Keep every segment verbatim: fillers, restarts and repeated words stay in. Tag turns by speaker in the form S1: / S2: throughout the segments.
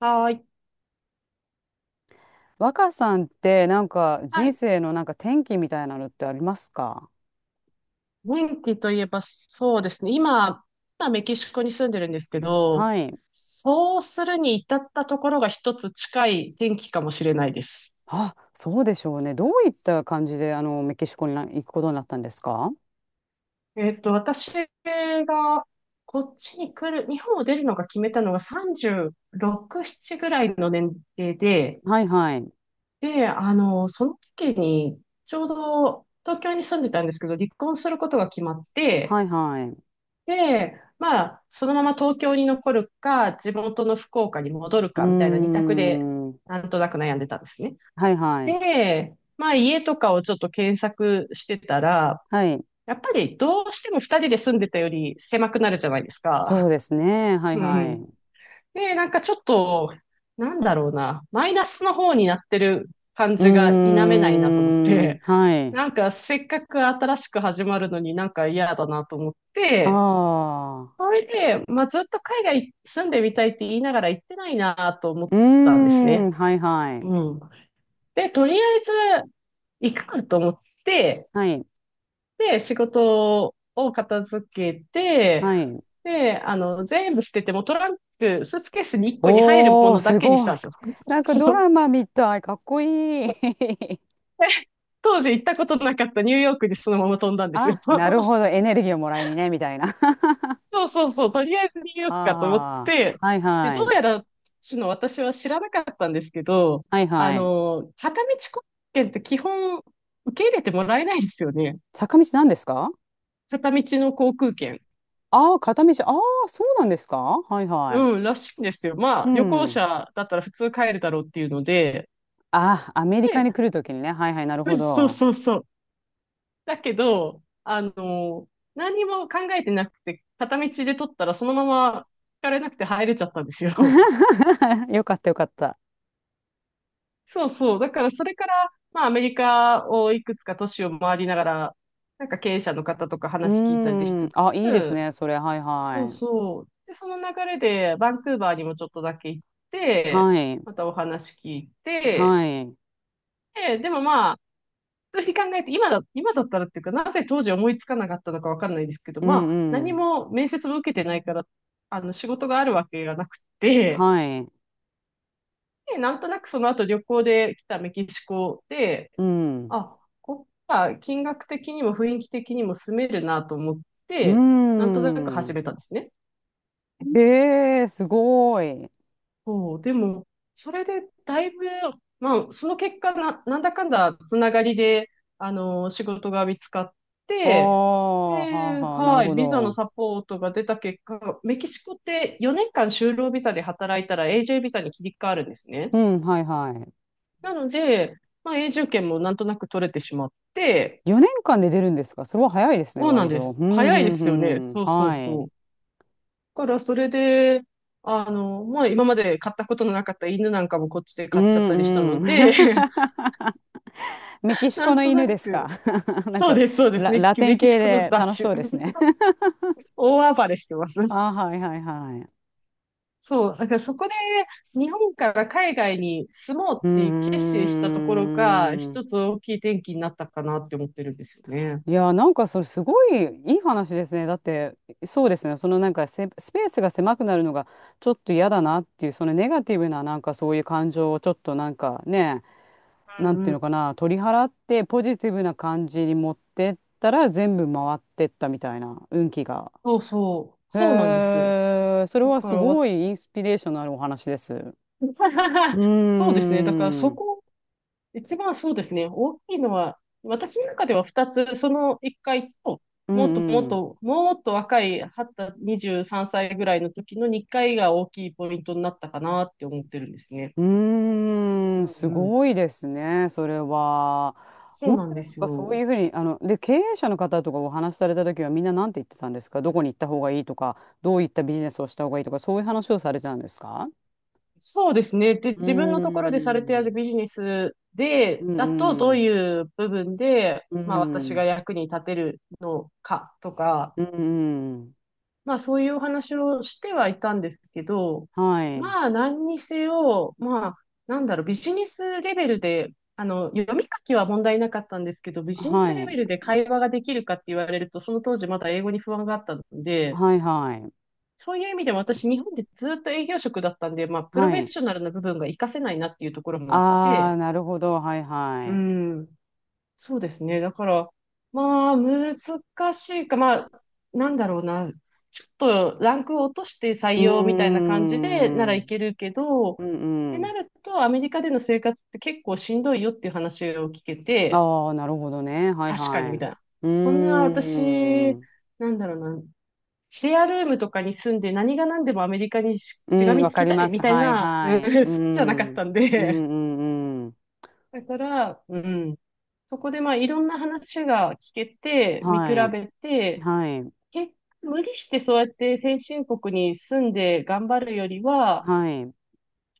S1: はい。
S2: 若さんってなんか
S1: は
S2: 人
S1: い。
S2: 生のなんか転機みたいなのってありますか？
S1: 天気といえばそうですね。今、今メキシコに住んでるんですけど、
S2: はい。
S1: そうするに至ったところが一つ近い天気かもしれないです。
S2: あ、そうでしょうね。どういった感じであのメキシコにな行くことになったんですか？
S1: えっと、私がこっちに来る、日本を出るのが決めたのがさんじゅうろく、ななぐらいの年齢で、
S2: はいはい。
S1: で、あの、その時にちょうど東京に住んでたんですけど、離婚することが決まって、
S2: はいはい。う
S1: で、まあ、そのまま東京に残るか、地元の福岡に戻る
S2: ー
S1: かみたいな二択で、
S2: ん。
S1: なんとなく悩んでたんですね。
S2: はいはい。
S1: で、まあ、家とかをちょっと検索してたら、
S2: はい。
S1: やっぱりどうしても二人で住んでたより狭くなるじゃないです
S2: そ
S1: か。
S2: うですね。は い
S1: うん
S2: は
S1: う
S2: い。
S1: ん。
S2: う
S1: で、なんかちょっと、なんだろうな、マイナスの方になってる感
S2: ー
S1: じが否めないなと思っ
S2: ん。
S1: て、
S2: はい。
S1: なんかせっかく新しく始まるのになんか嫌だなと思っ
S2: は
S1: て、
S2: あ。
S1: それで、まあ、ずっと海外住んでみたいって言いながら行ってないなと思っ
S2: うー
S1: たんです
S2: ん。
S1: ね。
S2: はいはい。
S1: うん。で、とりあえず行くかと思って、
S2: はい。
S1: で、仕事を片付けて、
S2: はい。
S1: で、あの、全部捨てて、もうトランク、スーツケースにいっこに入るも
S2: おー、
S1: のだ
S2: す
S1: けにし
S2: ご
S1: たん
S2: い。
S1: ですよ。
S2: なん か
S1: そ
S2: ド
S1: の
S2: ラマみたい。かっこいい。
S1: 当時行ったことなかったニューヨークにそのまま飛んだんですよ。
S2: あ、なる ほど。エネルギーをもらいにね、みたいな。
S1: そうそうそう、とりあえずニューヨークかと思っ
S2: はあ。
S1: て、
S2: はい
S1: で、
S2: は
S1: どう
S2: い。
S1: やら、その私は知らなかったんですけど、
S2: はい
S1: あ
S2: はい。
S1: の、片道航空券って基本受け入れてもらえないですよね。
S2: 坂道なんですか？
S1: 片道の航空券。
S2: ああー、片道。ああ、そうなんですか？はいはい。
S1: うん、らしいんですよ。ま
S2: う
S1: あ、旅行
S2: ん。
S1: 者だったら普通帰るだろうっていうので、
S2: ああ、アメリカ
S1: で、
S2: に来るときにね。はいはい、なる
S1: そ
S2: ほ
S1: うそう
S2: ど。
S1: そうそう。だけど、あの、何にも考えてなくて、片道で取ったらそのまま引かれなくて入れちゃったんですよ。
S2: よかったよかった。
S1: そうそう。だからそれから、まあアメリカをいくつか都市を回りながら、なんか経営者の方とか
S2: う
S1: 話聞いたりし
S2: ーん。
S1: つ
S2: あ、いいです
S1: つ、
S2: ね、それ。はい
S1: そう
S2: は
S1: そう。で、その流れでバンクーバーにもちょっとだけ行っ
S2: い。は
S1: て、
S2: い。
S1: またお話聞いて、
S2: はい。
S1: で、でもまあ、普通に考えて、今だ、今だったらっていうか、なぜ当時思いつかなかったのかわかんないですけど、
S2: う
S1: まあ、
S2: んう
S1: 何
S2: ん。
S1: も面接も受けてないから、あの、仕事があるわけがなくて、
S2: はい。
S1: で、なんとなくその後旅行で来たメキシコで、
S2: うん。
S1: あ、こっちは金額的にも雰囲気的にも住めるなと思っ
S2: うー
S1: て、なんとなく始
S2: ん。
S1: めたんですね。
S2: ええすごい。
S1: そう、でも、それでだいぶ、まあ、その結果な、なんだかんだつながりで、あの、仕事が見つかっ
S2: あ
S1: て、
S2: あ、はあ
S1: で、
S2: はあ、なる
S1: は
S2: ほ
S1: い、ビザの
S2: ど。
S1: サポートが出た結果、メキシコってよねんかん就労ビザで働いたら永住ビザに切り替わるんですね。
S2: うん、はいはい。
S1: なので、まあ、永住権もなんとなく取れてしまって、
S2: よねんかんで出るんですか？それは早いですね、
S1: そうなん
S2: 割
S1: で
S2: と。
S1: す。
S2: うん、う
S1: 早いですよね。
S2: ん、うん。
S1: そうそう
S2: は
S1: そ
S2: い。
S1: う。からそれで、あの、まあ今まで買ったことのなかった犬なんかもこっちで
S2: う
S1: 買っちゃったりした
S2: ん、
S1: の
S2: うん。
S1: で、
S2: メキ シ
S1: な
S2: コ
S1: ん
S2: の
S1: と
S2: 犬
S1: な
S2: ですか？
S1: く、
S2: なん
S1: そう
S2: か
S1: です、そうです
S2: ラ、
S1: ね。
S2: ラテン
S1: メキシ
S2: 系
S1: コの
S2: で楽
S1: 雑
S2: しそ
S1: 種。
S2: うですね。
S1: 大暴れしてます。
S2: あーはいはいはい。
S1: そう。だからそこで日本から海外に住もう
S2: う
S1: って決
S2: ー
S1: 心したところが
S2: ん。
S1: 一つ大きい転機になったかなって思ってるんですよね。
S2: いやー、なんかそれすごいいい話ですね。だって、そうですね。そのなんかせスペースが狭くなるのがちょっと嫌だなっていう、そのネガティブななんかそういう感情をちょっとなんかね、
S1: う
S2: なん
S1: ん
S2: て
S1: う
S2: いうの
S1: ん。
S2: かな、取り払ってポジティブな感じに持ってったら全部回ってったみたいな運気が。
S1: そうそう。そうなんで
S2: へ
S1: す。
S2: え、それ
S1: だ
S2: は
S1: か
S2: す
S1: ら
S2: ご
S1: わ、
S2: いインスピレーションのあるお話です。うー
S1: そうですね。だから
S2: ん、う
S1: そ
S2: ん
S1: こ一番そうですね、大きいのは、私の中ではふたつ、そのいっかいと、
S2: う
S1: もっともっ
S2: ん。
S1: と、もっと若い、にじゅうさんさいぐらいの時のにかいが大きいポイントになったかなって思ってるんですね。
S2: うー
S1: う
S2: ん、
S1: ん
S2: す
S1: うん。
S2: ごいですね、それは。
S1: そう
S2: 本
S1: な
S2: 当
S1: ん
S2: に
S1: で
S2: なん
S1: す
S2: かそう
S1: よ。
S2: いうふうに、あの、で、経営者の方とかお話しされた時はみんな何て言ってたんですか？どこに行った方がいいとか、どういったビジネスをした方がいいとか、そういう話をされてたんですか？
S1: そうですね。で、
S2: うー
S1: 自分のところでされている
S2: ん。
S1: ビジネス
S2: う
S1: で、
S2: ん
S1: だと
S2: う
S1: どう
S2: ん。
S1: いう部分で、
S2: う
S1: まあ私が
S2: ん。
S1: 役に立てるのかとか、
S2: うん
S1: まあそういうお話をしてはいたんですけど、
S2: はい。
S1: まあ何にせよ、まあなんだろう、ビジネスレベルで、あの、読み書きは問題なかったんですけど、ビジネ
S2: は
S1: スレ
S2: い。
S1: ベルで会話ができるかって言われると、その当時まだ英語に不安があったので、
S2: はいはい。
S1: そういう意味でも私日本でずっと営業職だったんで、まあプロ
S2: は
S1: フェッ
S2: い。
S1: ショナルな部分が活かせないなっていうところもあっ
S2: ああ、
S1: て、
S2: なるほど。はいは
S1: う
S2: い。
S1: ん。そうですね。だから、まあ、難しいか、まあ、なんだろうな。ちょっとランクを落として採
S2: うー
S1: 用みたいな感じでなら
S2: ん。う
S1: い
S2: ん
S1: けるけど、っ
S2: う
S1: てな
S2: ん。
S1: ると、アメリカでの生活って結構しんどいよっていう話を聞けて、
S2: ああ、なるほどね。はい
S1: 確か
S2: は
S1: に
S2: い。
S1: みた
S2: う
S1: いな。
S2: ー
S1: そんな私、
S2: ん。
S1: なんだろうな。シェアルームとかに住んで何が何でもアメリカにし
S2: う
S1: しが
S2: ん、
S1: み
S2: わ
S1: つ
S2: か
S1: き
S2: り
S1: た
S2: ま
S1: い
S2: す。
S1: みたい
S2: はい
S1: な、
S2: は
S1: うん、好
S2: い。う
S1: きじゃなか
S2: ん。
S1: ったん
S2: うんう
S1: で。
S2: んうん。
S1: だから、うん。そこでまあいろんな話が聞けて、見比
S2: はい。
S1: べて、
S2: はい。
S1: 結無理してそうやって先進国に住んで頑張るよりは、
S2: はい。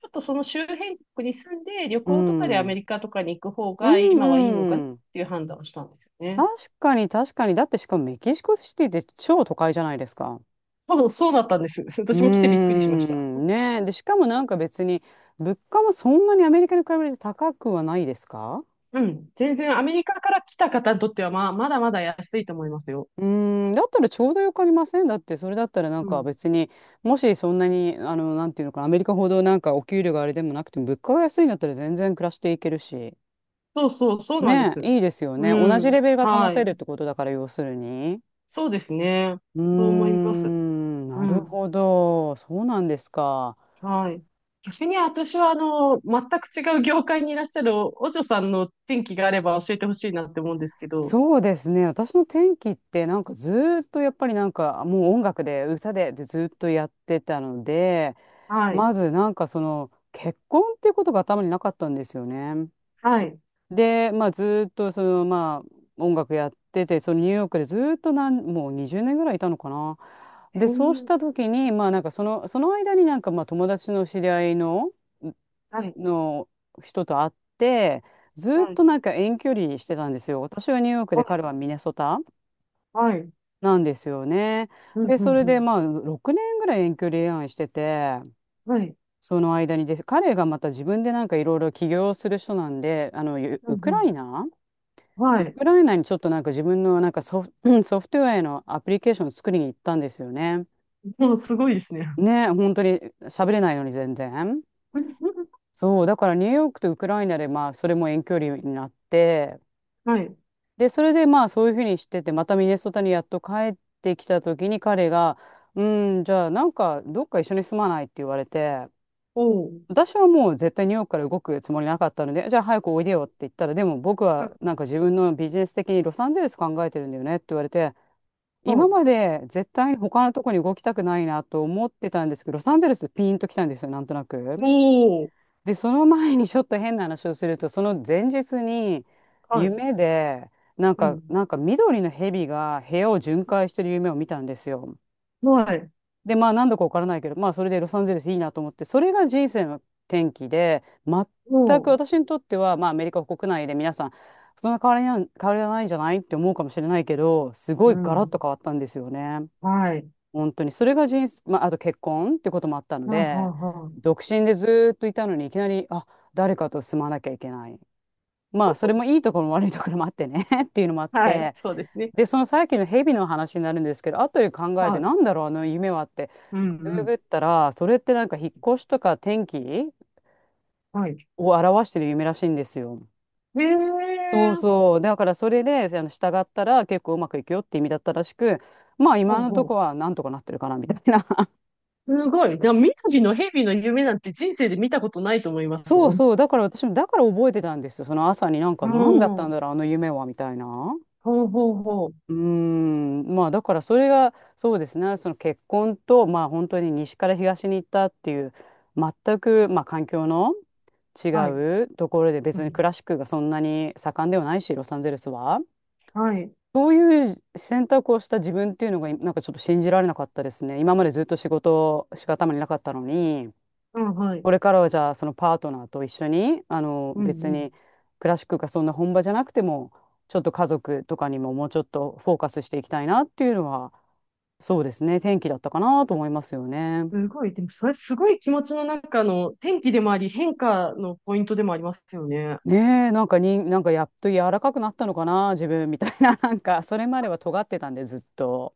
S1: ちょっとその周辺国に住んで旅
S2: う
S1: 行とかでア
S2: ん。
S1: メ
S2: う
S1: リカとかに行く方
S2: ん
S1: が今はいいのかなっ
S2: うん。
S1: ていう判断をしたんですよね。
S2: 確かに確かに。だってしかもメキシコシティって超都会じゃないですか。
S1: 多分そうだったんです。
S2: うー
S1: 私も来てびっくりしました。
S2: ん、ねえ。で、しかもなんか別に、物価もそんなにアメリカに比べて高くはないですか？
S1: うん。全然アメリカから来た方にとってはまあ、まだまだ安いと思いますよ。
S2: うーん、だったらちょうどよくありません？だって、それだったらなん
S1: う
S2: か
S1: ん。
S2: 別に、もしそんなに、あの、なんていうのかな、アメリカほどなんかお給料があれでもなくても、物価が安いんだったら全然暮らしていけるし。
S1: そうそう、そうなんで
S2: ね
S1: す。
S2: え、いいですよ
S1: う
S2: ね。同じ
S1: ん。
S2: レベルが保
S1: は
S2: てるっ
S1: い。
S2: てことだから、要するに。
S1: そうですね。
S2: うー
S1: そう思います。
S2: ん、
S1: う
S2: なる
S1: ん。
S2: ほど。そうなんですか。
S1: はい。逆に私はあの、全く違う業界にいらっしゃるお、お嬢さんの転機があれば教えてほしいなって思うんですけど。
S2: そうですね。私の転機ってなんかずーっとやっぱりなんかもう音楽で歌ででずーっとやってたので、
S1: はい。
S2: まずなんかその結婚っていうことが頭になかったんですよね。
S1: はい。
S2: で、まあずーっとそのまあ音楽やってて、そのニューヨークでずーっとなん、もうにじゅうねんぐらいいたのかな。
S1: え
S2: で、そうし
S1: ー、
S2: た時にまあなんかその、その間になんかまあ友達の知り合いの、
S1: はい。
S2: の人と会って、ずーっ
S1: はい。
S2: となんか遠距離してたんですよ。私はニューヨーク
S1: は
S2: で彼
S1: い。
S2: はミネソタ。
S1: はい。
S2: なんですよね。
S1: うん、
S2: で、
S1: う
S2: そ
S1: ん、
S2: れ
S1: う
S2: で
S1: ん。
S2: まあろくねんぐらい遠距離恋愛してて、
S1: はい。
S2: その間にです、彼がまた自分でなんかいろいろ起業する人なんで、あの、ウ
S1: う
S2: ウ
S1: ん、
S2: ク
S1: う
S2: ライ
S1: ん。
S2: ナ
S1: は
S2: ウ
S1: い。
S2: クライナにちょっとなんか自分のなんかソフ、ソフトウェアのアプリケーションを作りに行ったんですよね。
S1: もうすごいですね。
S2: ね、本当に喋れないのに全然。そう、だからニューヨークとウクライナでまあそれも遠距離になって、
S1: はい。
S2: で、それでまあそういうふうにしてて、またミネソタにやっと帰ってきた時に彼が、うん、じゃあなんかどっか一緒に住まない？って言われて、
S1: おー。
S2: 私はもう絶対ニューヨークから動くつもりなかったので、じゃあ早くおいでよって言ったら、でも僕
S1: はい。
S2: は
S1: は
S2: なん
S1: い。
S2: か自分のビジネス的にロサンゼルス考えてるんだよねって言われて、今
S1: お
S2: まで絶対に他のとこに動きたくないなと思ってたんですけど、ロサンゼルスピンと来たんですよ、なんとなく。
S1: ー。
S2: で、その前にちょっと変な話をすると、その前日に
S1: はい。
S2: 夢で、なん
S1: う
S2: か、
S1: ん。
S2: なんか緑の蛇が部屋を巡回してる夢を見たんですよ。
S1: はい。
S2: で、まあ何度かわからないけど、まあそれでロサンゼルスいいなと思って、それが人生の転機で、全く
S1: おー。
S2: 私にとっては、まあアメリカ国内で皆さん、そんな変わりな変わりはないんじゃないって思うかもしれないけど、すご
S1: う
S2: いガラッと
S1: ん。
S2: 変わったんですよね。
S1: はい。は
S2: 本当に、それが人生、まあ、あと結婚ってこともあったの
S1: あは
S2: で、
S1: あは
S2: 独身でずーっといたのに、いきなり、あ、誰かと住まなきゃいけない。まあ、それもいいところも悪いところもあってね っていうのもあっ
S1: あはい。
S2: て、
S1: そうですね。
S2: で、そのさっきのヘビの話になるんですけど、後で考えて、
S1: はい。
S2: なんだろう、あの夢はって、
S1: うん、う
S2: ググ
S1: ん。
S2: ったら、それってなんか引っ越しとか天気
S1: はい。
S2: を表してる夢らしいんですよ。
S1: へえ、
S2: そうそう。だからそれで、あの、従ったら結構うまくいくよって意味だったらしく、まあ
S1: う
S2: 今
S1: ん
S2: のと
S1: う
S2: こ
S1: ん。
S2: はなんとかなってるかなみたいな。
S1: すごい。でも、宮城の蛇の夢なんて人生で見たことないと思います
S2: そう
S1: もん。
S2: そう。だから私も、だから覚えてたんですよ。その朝になんか、
S1: う
S2: 何だったん
S1: ん。
S2: だろう、あの夢は、みたいな。
S1: ほうほうほう。
S2: うーん。まあ、だからそれが、そうですね。その結婚と、まあ、本当に西から東に行ったっていう、全く、まあ、環境の違
S1: はい。
S2: うところで、
S1: う
S2: 別にク
S1: ん
S2: ラシックがそんなに盛んではないし、ロサンゼルスは。
S1: はい。
S2: そういう選択をした自分っていうのが、なんかちょっと信じられなかったですね。今までずっと仕事しか頭になかったのに。
S1: うん、はい。
S2: これからはじゃあそのパートナーと一緒にあの
S1: う
S2: 別
S1: ん
S2: にクラシックがそんな本場じゃなくてもちょっと家族とかにももうちょっとフォーカスしていきたいなっていうのはそうですね、転機だったかなと思いますよね。
S1: うん。すごい。でも、それすごい気持ちの中の天気でもあり、変化のポイントでもありますよね。
S2: ねえ、なんかになんかやっと柔らかくなったのかな自分みたいな なんかそれまでは尖ってたんでずっと。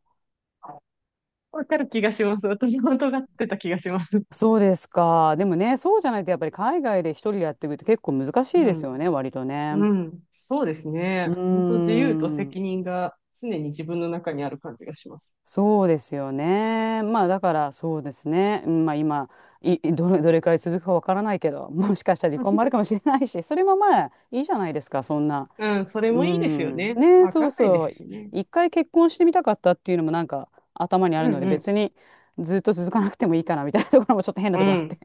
S1: わかる気がします。私も尖ってた気がします。
S2: そうですか？でもねそうじゃないとやっぱり海外で一人でやっていくって結構難しい
S1: う
S2: ですよ
S1: ん。
S2: ね、割とね。
S1: うん。そうです
S2: う
S1: ね。
S2: ー
S1: 本当自由と
S2: ん、
S1: 責任が常に自分の中にある感じがします。
S2: そうですよね。まあだからそうですね。うん、まあ今いいどれ、どれくらい続くかわからないけど、もしかしたら離婚もあるかもしれないし、それもまあいいじゃないですか、そんな。
S1: うん、それ
S2: う
S1: もいいですよ
S2: ん。
S1: ね。
S2: ね、
S1: わ
S2: そ
S1: か
S2: う
S1: んないで
S2: そう。
S1: すしね。
S2: 一回結婚してみたかったっていうのもなんか頭にあ
S1: う
S2: るの
S1: ん
S2: で、
S1: うん。
S2: 別にずっと続かなくてもいいかなみたいなところもちょっと変な
S1: う
S2: ところあって。
S1: ん。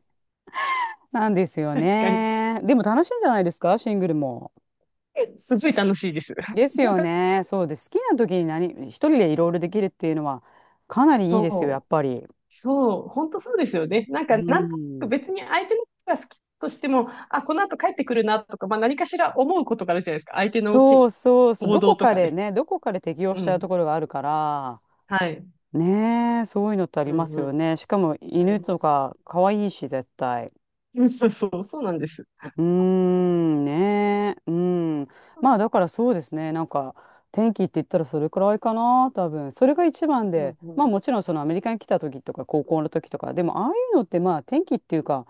S2: なんですよ
S1: 確かに。
S2: ね。でも楽しいんじゃないですか、シングルも。
S1: すごい楽しいです。
S2: ですよ ね。そうです。好きな時に何、一人でいろいろできるっていうのはかなりいいですよ、やっ
S1: そ
S2: ぱり。
S1: う。そう。本当そうですよね。なんか、
S2: う
S1: なんとなく
S2: ん。
S1: 別に相手のことが好きとしても、あ、この後帰ってくるなとか、まあ何かしら思うことがあるじゃないですか。相手のき
S2: そうそうそう、
S1: 行
S2: ど
S1: 動
S2: こ
S1: と
S2: か
S1: か
S2: で
S1: ね。
S2: ね、どこかで適用
S1: う
S2: しちゃう
S1: ん。
S2: ところがあるから、
S1: はい。
S2: ねえ、そういうのってあり
S1: う
S2: ま
S1: ん
S2: す
S1: う
S2: よ
S1: ん。
S2: ね。しかも
S1: あり
S2: 犬
S1: ま
S2: と
S1: す。
S2: か可愛いし、絶対。
S1: うんそうそう、そうなんです。
S2: うーん、ねえ、うん。まあだからそうですね、なんか天気って言ったらそれくらいかな、多分。それが一番
S1: う
S2: で、
S1: んう
S2: まあ
S1: ん。
S2: もちろんそのアメリカに来た時とか高校の時とか、でもああいうのってまあ天気っていうか、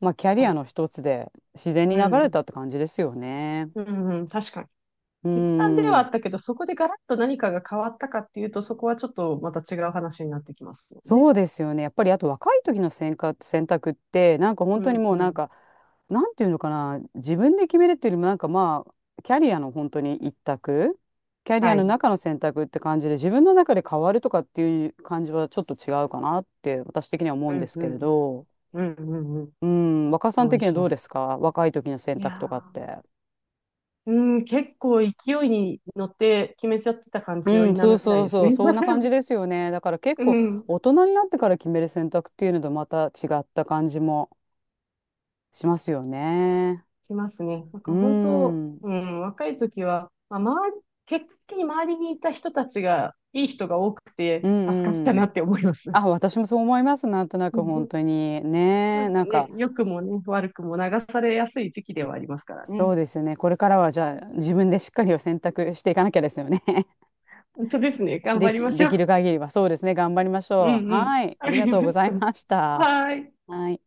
S2: まあキャリ
S1: は
S2: ア
S1: い。
S2: の一つで自然に
S1: う
S2: 流れ
S1: ん。
S2: たって感じですよね。
S1: うんうん。確かに。
S2: う
S1: 決断ではあ
S2: ん。
S1: ったけど、そこでガラッと何かが変わったかっていうと、そこはちょっとまた違う話になってきますよね。
S2: そうですよね。やっぱりあと若い時の選択、選択ってなんか本
S1: う
S2: 当に
S1: ん
S2: もう
S1: う
S2: なん
S1: ん。
S2: かなんていうのかな自分で決めるっていうよりもなんかまあキャリアの本当に一択キャリア
S1: は
S2: の
S1: い。
S2: 中の選択って感じで自分の中で変わるとかっていう感じはちょっと違うかなって私的には思うん
S1: う
S2: で
S1: ん
S2: す
S1: う
S2: けれ
S1: ん。
S2: ど、
S1: うんうんうん。
S2: うん、若さん
S1: 同意
S2: 的には
S1: し
S2: ど
S1: ま
S2: うで
S1: す。
S2: すか？若い時の選
S1: いや
S2: 択とかっ
S1: ー。
S2: て。
S1: うん、結構勢いに乗って決めちゃってた感じを
S2: う
S1: 否
S2: ん、そう
S1: めない
S2: そう
S1: です
S2: そう、
S1: ね。
S2: そんな感じ ですよね。だから結
S1: う
S2: 構
S1: ん、
S2: 大人になってから決める選択っていうのとまた違った感じもしますよね。
S1: しますね。なん
S2: うー
S1: か本当、
S2: ん。
S1: うん、若い時は、まあ、周り、結果的に周りにいた人たちが、いい人が多く
S2: う
S1: て助かった
S2: んう
S1: な
S2: ん。
S1: って思います。
S2: あ、私もそう思います。なんとなく本当 に。
S1: な
S2: ね
S1: ん
S2: え。
S1: か
S2: なん
S1: ね、
S2: か、
S1: 良くもね、悪くも流されやすい時期ではありますから
S2: そ
S1: ね。
S2: うですよね。これからはじゃあ自分でしっかりを選択していかなきゃですよね。
S1: 本当ですね。頑
S2: で
S1: 張り
S2: き、
S1: まし
S2: で
S1: ょ
S2: き
S1: う。
S2: る限りは。そうですね。頑張りまし
S1: う
S2: ょう。
S1: んうん。
S2: はい。
S1: わ
S2: あ
S1: か
S2: りが
S1: り
S2: とうご
S1: まし
S2: ざい
S1: た。
S2: ました。
S1: はーい。
S2: はい。